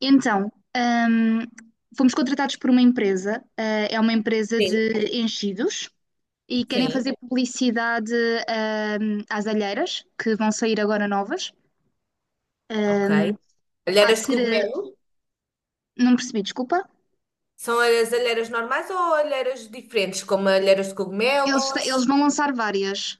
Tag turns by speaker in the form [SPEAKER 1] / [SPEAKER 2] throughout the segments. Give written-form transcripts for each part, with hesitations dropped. [SPEAKER 1] Então, hum, fomos contratados por uma empresa, é uma empresa
[SPEAKER 2] Sim,
[SPEAKER 1] de enchidos, e querem
[SPEAKER 2] sim,
[SPEAKER 1] fazer publicidade, às alheiras, que vão sair agora novas.
[SPEAKER 2] ok.
[SPEAKER 1] Hum, há de
[SPEAKER 2] Alheiras de
[SPEAKER 1] ser.
[SPEAKER 2] cogumelo?
[SPEAKER 1] Não percebi, desculpa.
[SPEAKER 2] São as alheiras normais ou alheiras diferentes, como alheiras de
[SPEAKER 1] Eles,
[SPEAKER 2] cogumelos?
[SPEAKER 1] eles vão lançar várias.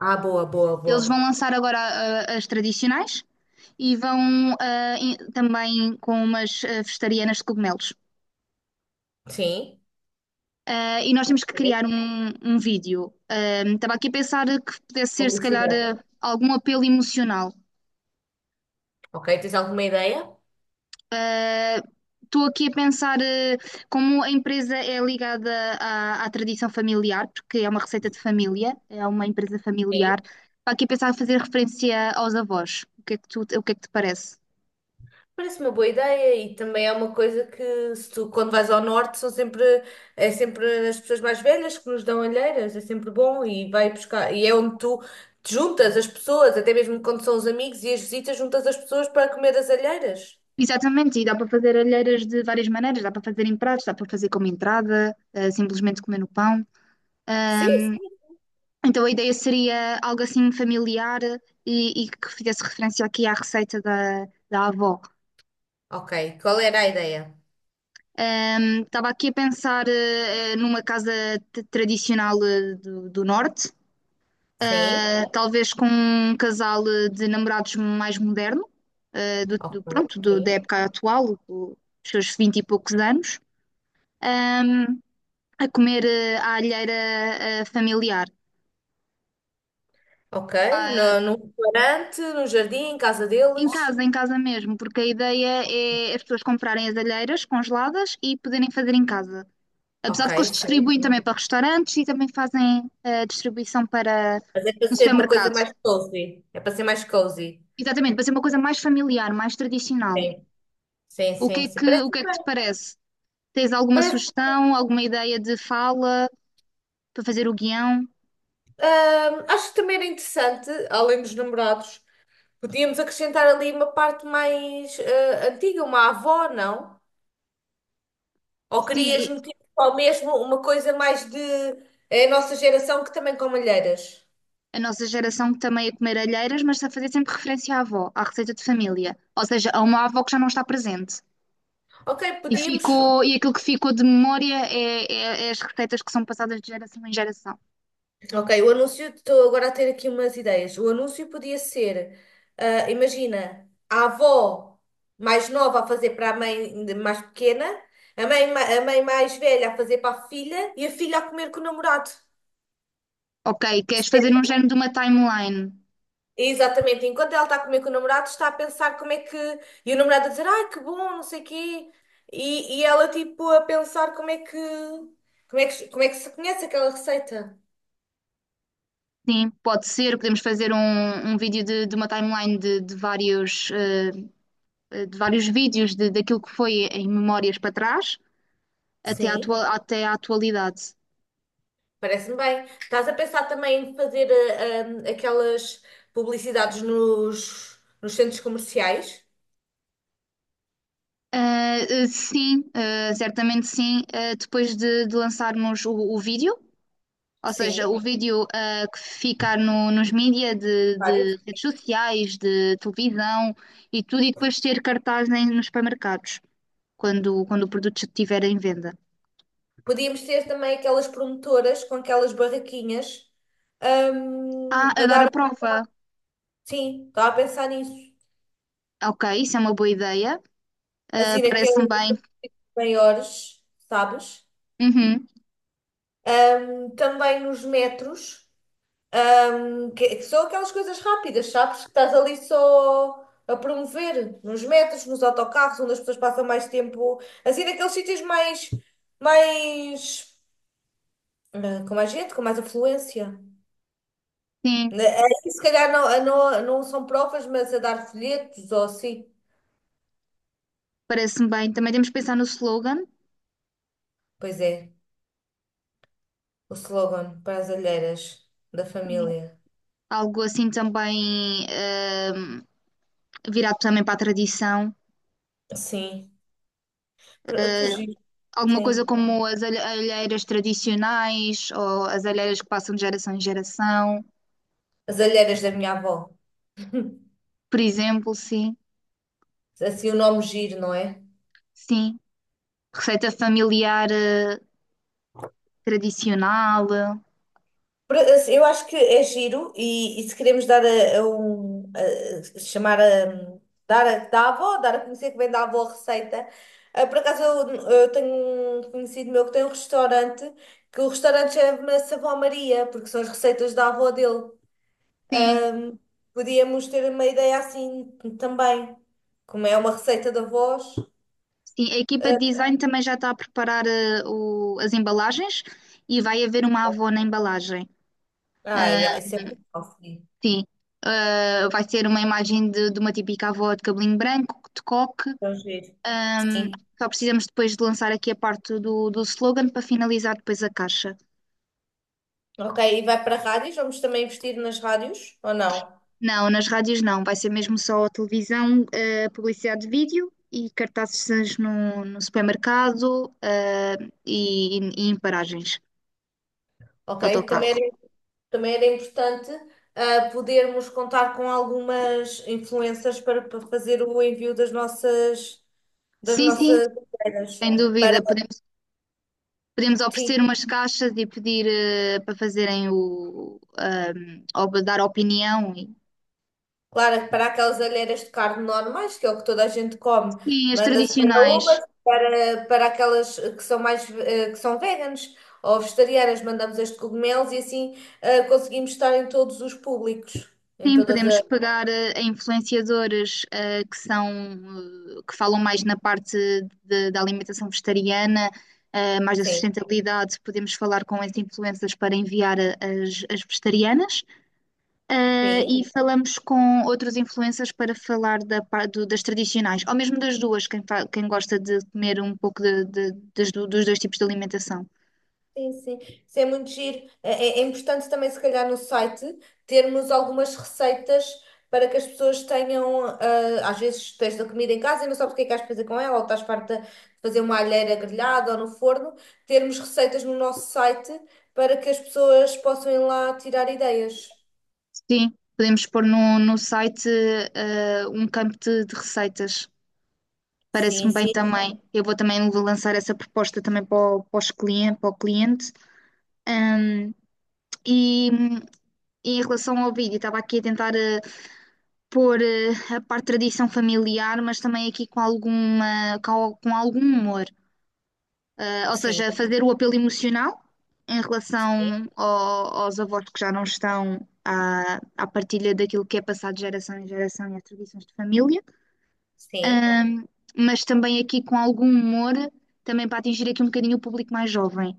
[SPEAKER 2] Ah, boa, boa,
[SPEAKER 1] Eles vão
[SPEAKER 2] boa.
[SPEAKER 1] lançar agora as tradicionais e vão e também com umas vegetarianas de cogumelos.
[SPEAKER 2] Sim.
[SPEAKER 1] Ah, e nós temos que
[SPEAKER 2] Ok,
[SPEAKER 1] criar um vídeo. Ah, estava aqui a pensar que pudesse ser, se calhar,
[SPEAKER 2] publicidade.
[SPEAKER 1] algum apelo emocional.
[SPEAKER 2] Ok, tens alguma ideia?
[SPEAKER 1] Ah, estou aqui a pensar como a empresa é ligada à tradição familiar, porque é uma receita de família, é uma empresa familiar.
[SPEAKER 2] Sim.
[SPEAKER 1] Estava aqui a pensar em fazer referência aos avós. O que é que tu, o que é que te parece?
[SPEAKER 2] Parece uma boa ideia, e também é uma coisa que, se tu, quando vais ao norte, são sempre, é sempre as pessoas mais velhas que nos dão alheiras, é sempre bom e vai buscar, e é onde tu te juntas as pessoas, até mesmo quando são os amigos e as visitas, juntas as pessoas para comer as alheiras.
[SPEAKER 1] Exatamente, e dá para fazer alheiras de várias maneiras, dá para fazer em pratos, dá para fazer como entrada, simplesmente comer no pão.
[SPEAKER 2] Sim.
[SPEAKER 1] Então a ideia seria algo assim familiar e que fizesse referência aqui à receita da avó.
[SPEAKER 2] Ok. Qual era a ideia?
[SPEAKER 1] Estava aqui a pensar numa casa tradicional do, do norte,
[SPEAKER 2] Sim.
[SPEAKER 1] talvez com um casal de namorados mais moderno, do,
[SPEAKER 2] Ok.
[SPEAKER 1] pronto, da
[SPEAKER 2] Sim.
[SPEAKER 1] época atual, dos seus vinte e poucos anos, ahm, a comer à alheira familiar.
[SPEAKER 2] Ok. No, num restaurante, num jardim, em casa deles.
[SPEAKER 1] Em casa mesmo, porque a ideia é as pessoas comprarem as alheiras congeladas e poderem fazer em casa. Apesar
[SPEAKER 2] Ok,
[SPEAKER 1] de que eles
[SPEAKER 2] sim.
[SPEAKER 1] distribuem também
[SPEAKER 2] Sim.
[SPEAKER 1] para restaurantes e também fazem a distribuição para
[SPEAKER 2] Mas é para
[SPEAKER 1] no
[SPEAKER 2] ser uma coisa
[SPEAKER 1] supermercado.
[SPEAKER 2] mais cozy. É para ser mais cozy.
[SPEAKER 1] Exatamente, para ser uma coisa mais familiar, mais tradicional.
[SPEAKER 2] Sim. Sim,
[SPEAKER 1] O que
[SPEAKER 2] sim,
[SPEAKER 1] é
[SPEAKER 2] sim,
[SPEAKER 1] que, o
[SPEAKER 2] parece
[SPEAKER 1] que é que te
[SPEAKER 2] bem.
[SPEAKER 1] parece? Tens alguma
[SPEAKER 2] Parece,
[SPEAKER 1] sugestão, alguma ideia de fala para fazer o guião?
[SPEAKER 2] acho que também era interessante, além dos namorados, podíamos acrescentar ali uma parte mais antiga, uma avó, não? Ou querias
[SPEAKER 1] Sim,
[SPEAKER 2] meter só mesmo uma coisa mais de é a nossa geração que também com malheiras?
[SPEAKER 1] é a nossa geração que também é comer alheiras, mas a fazer sempre referência à avó, à receita de família. Ou seja, a uma avó que já não está presente.
[SPEAKER 2] Ok,
[SPEAKER 1] E
[SPEAKER 2] podíamos.
[SPEAKER 1] ficou, e aquilo que ficou de memória é as receitas que são passadas de geração em geração.
[SPEAKER 2] Ok, o anúncio, estou agora a ter aqui umas ideias. O anúncio podia ser, ah, imagina, a avó mais nova a fazer para a mãe ainda mais pequena, a mãe, a mãe mais velha a fazer para a filha e a filha a comer com o namorado.
[SPEAKER 1] Ok, queres fazer um género de uma timeline?
[SPEAKER 2] Exatamente, enquanto ela está a comer com o namorado, está a pensar como é que. E o namorado a dizer, ai que bom, não sei o quê. E ela tipo a pensar como é que. Como é que, como é que se conhece aquela receita.
[SPEAKER 1] Sim, pode ser. Podemos fazer um vídeo de uma timeline de vários, de vários vídeos de, daquilo que foi em memórias para trás até à,
[SPEAKER 2] Sim.
[SPEAKER 1] até à atualidade.
[SPEAKER 2] Parece-me bem. Estás a pensar também em fazer ah, ah, aquelas publicidades nos centros comerciais?
[SPEAKER 1] Ah, sim, ah, certamente sim. Ah, depois de lançarmos o vídeo, ou seja, o
[SPEAKER 2] Sim.
[SPEAKER 1] vídeo que ficar nos mídias
[SPEAKER 2] Várias.
[SPEAKER 1] de redes sociais, de televisão e tudo, e depois ter cartaz nos supermercados, quando, quando o produto já estiver em venda.
[SPEAKER 2] Podíamos ter também aquelas promotoras com aquelas barraquinhas
[SPEAKER 1] Ah, a
[SPEAKER 2] a
[SPEAKER 1] dar a
[SPEAKER 2] dar.
[SPEAKER 1] prova.
[SPEAKER 2] Sim, estava a pensar nisso.
[SPEAKER 1] Ok, isso é uma boa ideia. Ah,
[SPEAKER 2] Assim, naqueles
[SPEAKER 1] parece-me bem.
[SPEAKER 2] maiores, sabes?
[SPEAKER 1] Uhum,
[SPEAKER 2] Também nos metros. Que são aquelas coisas rápidas, sabes? Que estás ali só a promover nos metros, nos autocarros, onde as pessoas passam mais tempo, assim, naqueles sítios mais, mais, ah, com mais gente, com mais afluência.
[SPEAKER 1] sim,
[SPEAKER 2] Aí, se calhar não, ah, não, não são provas, mas a dar folhetos ou assim.
[SPEAKER 1] parece-me bem. Também temos que pensar no slogan.
[SPEAKER 2] Pois é, o slogan para as alheiras da
[SPEAKER 1] Sim.
[SPEAKER 2] família.
[SPEAKER 1] Algo assim também virado também para a tradição.
[SPEAKER 2] Sim, que giro,
[SPEAKER 1] Alguma coisa
[SPEAKER 2] sim.
[SPEAKER 1] como as alheiras tradicionais ou as alheiras que passam de geração em geração,
[SPEAKER 2] As alheiras da minha avó.
[SPEAKER 1] por exemplo, sim,
[SPEAKER 2] Assim o nome giro, não é?
[SPEAKER 1] sim. Receita familiar tradicional,
[SPEAKER 2] Assim, eu acho que é giro, e se queremos dar a um chamar a dar a da avó, dar a conhecer que vem da avó a receita. Ah, por acaso eu tenho um conhecido meu que tem um restaurante, que o restaurante chama-se Avó Maria, porque são as receitas da avó dele.
[SPEAKER 1] sim,
[SPEAKER 2] Ahm, podíamos ter uma ideia assim também, como é uma receita da avós.
[SPEAKER 1] sim. A equipa de design também já está a preparar as embalagens e vai haver uma avó na embalagem.
[SPEAKER 2] Ah, ai,
[SPEAKER 1] Ah,
[SPEAKER 2] isso é bom, sim.
[SPEAKER 1] sim, ah, vai ser uma imagem de uma típica avó de cabelinho branco, de coque.
[SPEAKER 2] Então, giro.
[SPEAKER 1] Ahm,
[SPEAKER 2] Sim.
[SPEAKER 1] só precisamos depois de lançar aqui a parte do, do slogan para finalizar depois a caixa.
[SPEAKER 2] Ok, e vai para rádios? Vamos também investir nas rádios ou não?
[SPEAKER 1] Não, nas rádios não, vai ser mesmo só a televisão, publicidade de vídeo e cartazes no supermercado, e em paragens de
[SPEAKER 2] Ok?
[SPEAKER 1] autocarro.
[SPEAKER 2] Também era importante ah, podermos contar com algumas influências para, para fazer o envio das
[SPEAKER 1] Sim, sim,
[SPEAKER 2] nossas alheiras.
[SPEAKER 1] sem
[SPEAKER 2] Para,
[SPEAKER 1] dúvida, podemos, podemos
[SPEAKER 2] sim,
[SPEAKER 1] oferecer umas caixas e pedir, para fazerem ou dar opinião e,
[SPEAKER 2] claro, para aquelas alheiras de carne normais, que é o que toda a gente come,
[SPEAKER 1] sim, as
[SPEAKER 2] manda-se para
[SPEAKER 1] tradicionais.
[SPEAKER 2] umas, para, para aquelas que são mais, eh, que são veganas ou vegetarianas, mandamos as de cogumelos e assim ah, conseguimos estar em todos os públicos, em
[SPEAKER 1] Sim,
[SPEAKER 2] todas
[SPEAKER 1] podemos
[SPEAKER 2] as...
[SPEAKER 1] pegar em influenciadores que são que falam mais na parte da alimentação vegetariana, mais da
[SPEAKER 2] Sim,
[SPEAKER 1] sustentabilidade. Podemos falar com esses influencers para enviar as vegetarianas. Eh,
[SPEAKER 2] sim.
[SPEAKER 1] e falamos com outros influencers para falar da, das tradicionais, ou mesmo das duas, quem gosta de comer um pouco dos dois tipos de alimentação.
[SPEAKER 2] Sim, sim. Isso é muito giro. É, é importante também, se calhar, no site, termos algumas receitas para que as pessoas tenham. Ah, às vezes tens da comida em casa e não sabes o que é que has de fazer com ela, ou estás farta de fazer uma alheira grelhada ou no forno. Termos receitas no nosso site para que as pessoas possam ir lá tirar ideias.
[SPEAKER 1] Sim, podemos pôr no site um campo de receitas.
[SPEAKER 2] Sim,
[SPEAKER 1] Parece-me bem
[SPEAKER 2] sim,
[SPEAKER 1] também. Eu vou também vou lançar essa proposta também para o, para os para o cliente. Ahm, e, e em relação ao vídeo, estava aqui a tentar pôr a parte de tradição familiar, mas também aqui com alguma, com algum humor. Eh, ou
[SPEAKER 2] sim,
[SPEAKER 1] seja, fazer o apelo emocional em
[SPEAKER 2] sim,
[SPEAKER 1] relação aos avós que já não estão à, à partilha daquilo que é passado de geração em geração e as tradições de família,
[SPEAKER 2] sim.
[SPEAKER 1] Ahm, mas também aqui com algum humor, também para atingir aqui um bocadinho o público mais jovem,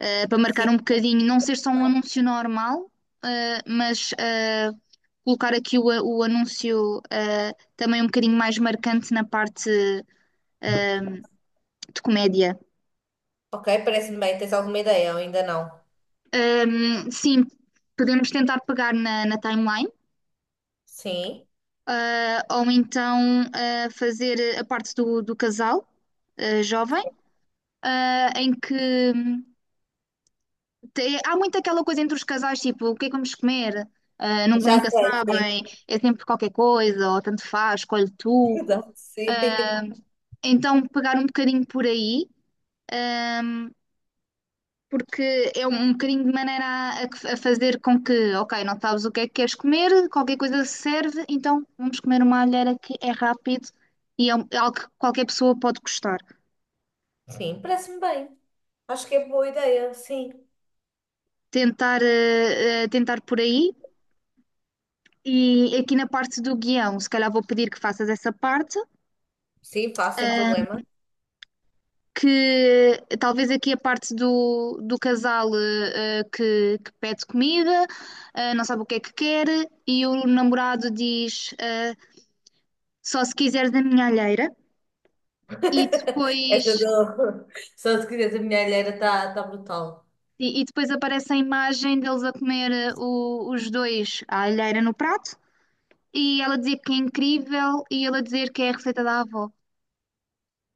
[SPEAKER 1] para
[SPEAKER 2] Sim.
[SPEAKER 1] marcar um bocadinho, não ser só um anúncio normal, eh, mas eh, colocar aqui o anúncio também um bocadinho mais marcante na parte eh, de comédia.
[SPEAKER 2] Ok, parece-me bem. Tens alguma ideia ou ainda não?
[SPEAKER 1] Sim, podemos tentar pegar na timeline,
[SPEAKER 2] Sim.
[SPEAKER 1] ou então fazer a parte do casal jovem, em que há muito aquela coisa entre os casais, tipo, o que é que vamos comer? Ah,
[SPEAKER 2] Já
[SPEAKER 1] nunca,
[SPEAKER 2] sei,
[SPEAKER 1] sabem,
[SPEAKER 2] sim.
[SPEAKER 1] é sempre qualquer coisa, ou tanto faz, escolhe tu.
[SPEAKER 2] Exato, sim.
[SPEAKER 1] Ah, então, pegar um bocadinho por aí, ah, porque é um bocadinho de maneira a fazer com que, ok, não sabes o que é que queres comer, qualquer coisa serve, então vamos comer uma alheira que é rápido e é é algo que qualquer pessoa pode gostar.
[SPEAKER 2] Sim, parece-me bem. Acho que é boa ideia, sim.
[SPEAKER 1] Tentar, tentar por aí. E aqui na parte do guião, se calhar vou pedir que faças essa parte,
[SPEAKER 2] Sim, faço sem problema.
[SPEAKER 1] que talvez aqui a parte do casal que pede comida, não sabe o que é que quer, e o namorado diz só se quiseres da minha alheira, e
[SPEAKER 2] Essa
[SPEAKER 1] depois,
[SPEAKER 2] do... Só se quiseres a minha alheira está tá tá brutal.
[SPEAKER 1] e depois aparece a imagem deles a comer os dois a alheira no prato, e ela dizer que é incrível, e ele a dizer que é a receita da avó.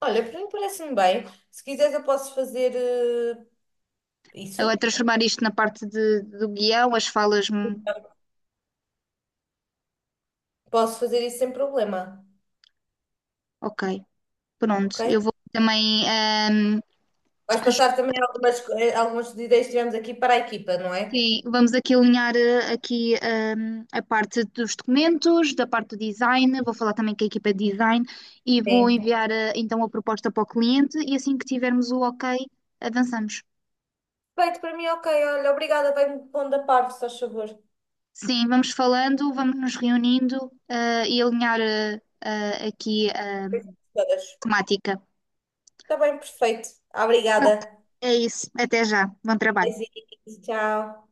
[SPEAKER 2] Olha, para mim parece-me bem. Se quiseres eu posso fazer
[SPEAKER 1] Agora
[SPEAKER 2] isso.
[SPEAKER 1] transformar isto na parte do guião, as falas. Hum,
[SPEAKER 2] Posso fazer isso sem problema,
[SPEAKER 1] ok. Pronto,
[SPEAKER 2] ok?
[SPEAKER 1] eu vou também.
[SPEAKER 2] Vais passar também algumas, algumas ideias que tivemos aqui para a equipa, não é?
[SPEAKER 1] Sim, vamos aqui alinhar eh, aqui a parte dos documentos, da parte do design. Vou falar também com a equipa de design e vou
[SPEAKER 2] Sim.
[SPEAKER 1] enviar então a proposta para o cliente. E assim que tivermos o ok, avançamos.
[SPEAKER 2] Perfeito, para mim ok. Olha, obrigada. Vai-me pondo a par, se faz favor.
[SPEAKER 1] Sim, vamos falando, vamos nos reunindo e alinhar aqui a
[SPEAKER 2] Coisas todas.
[SPEAKER 1] temática.
[SPEAKER 2] Está bem, perfeito. Obrigada.
[SPEAKER 1] É isso, até já. Bom trabalho.
[SPEAKER 2] Beijinhos, tchau.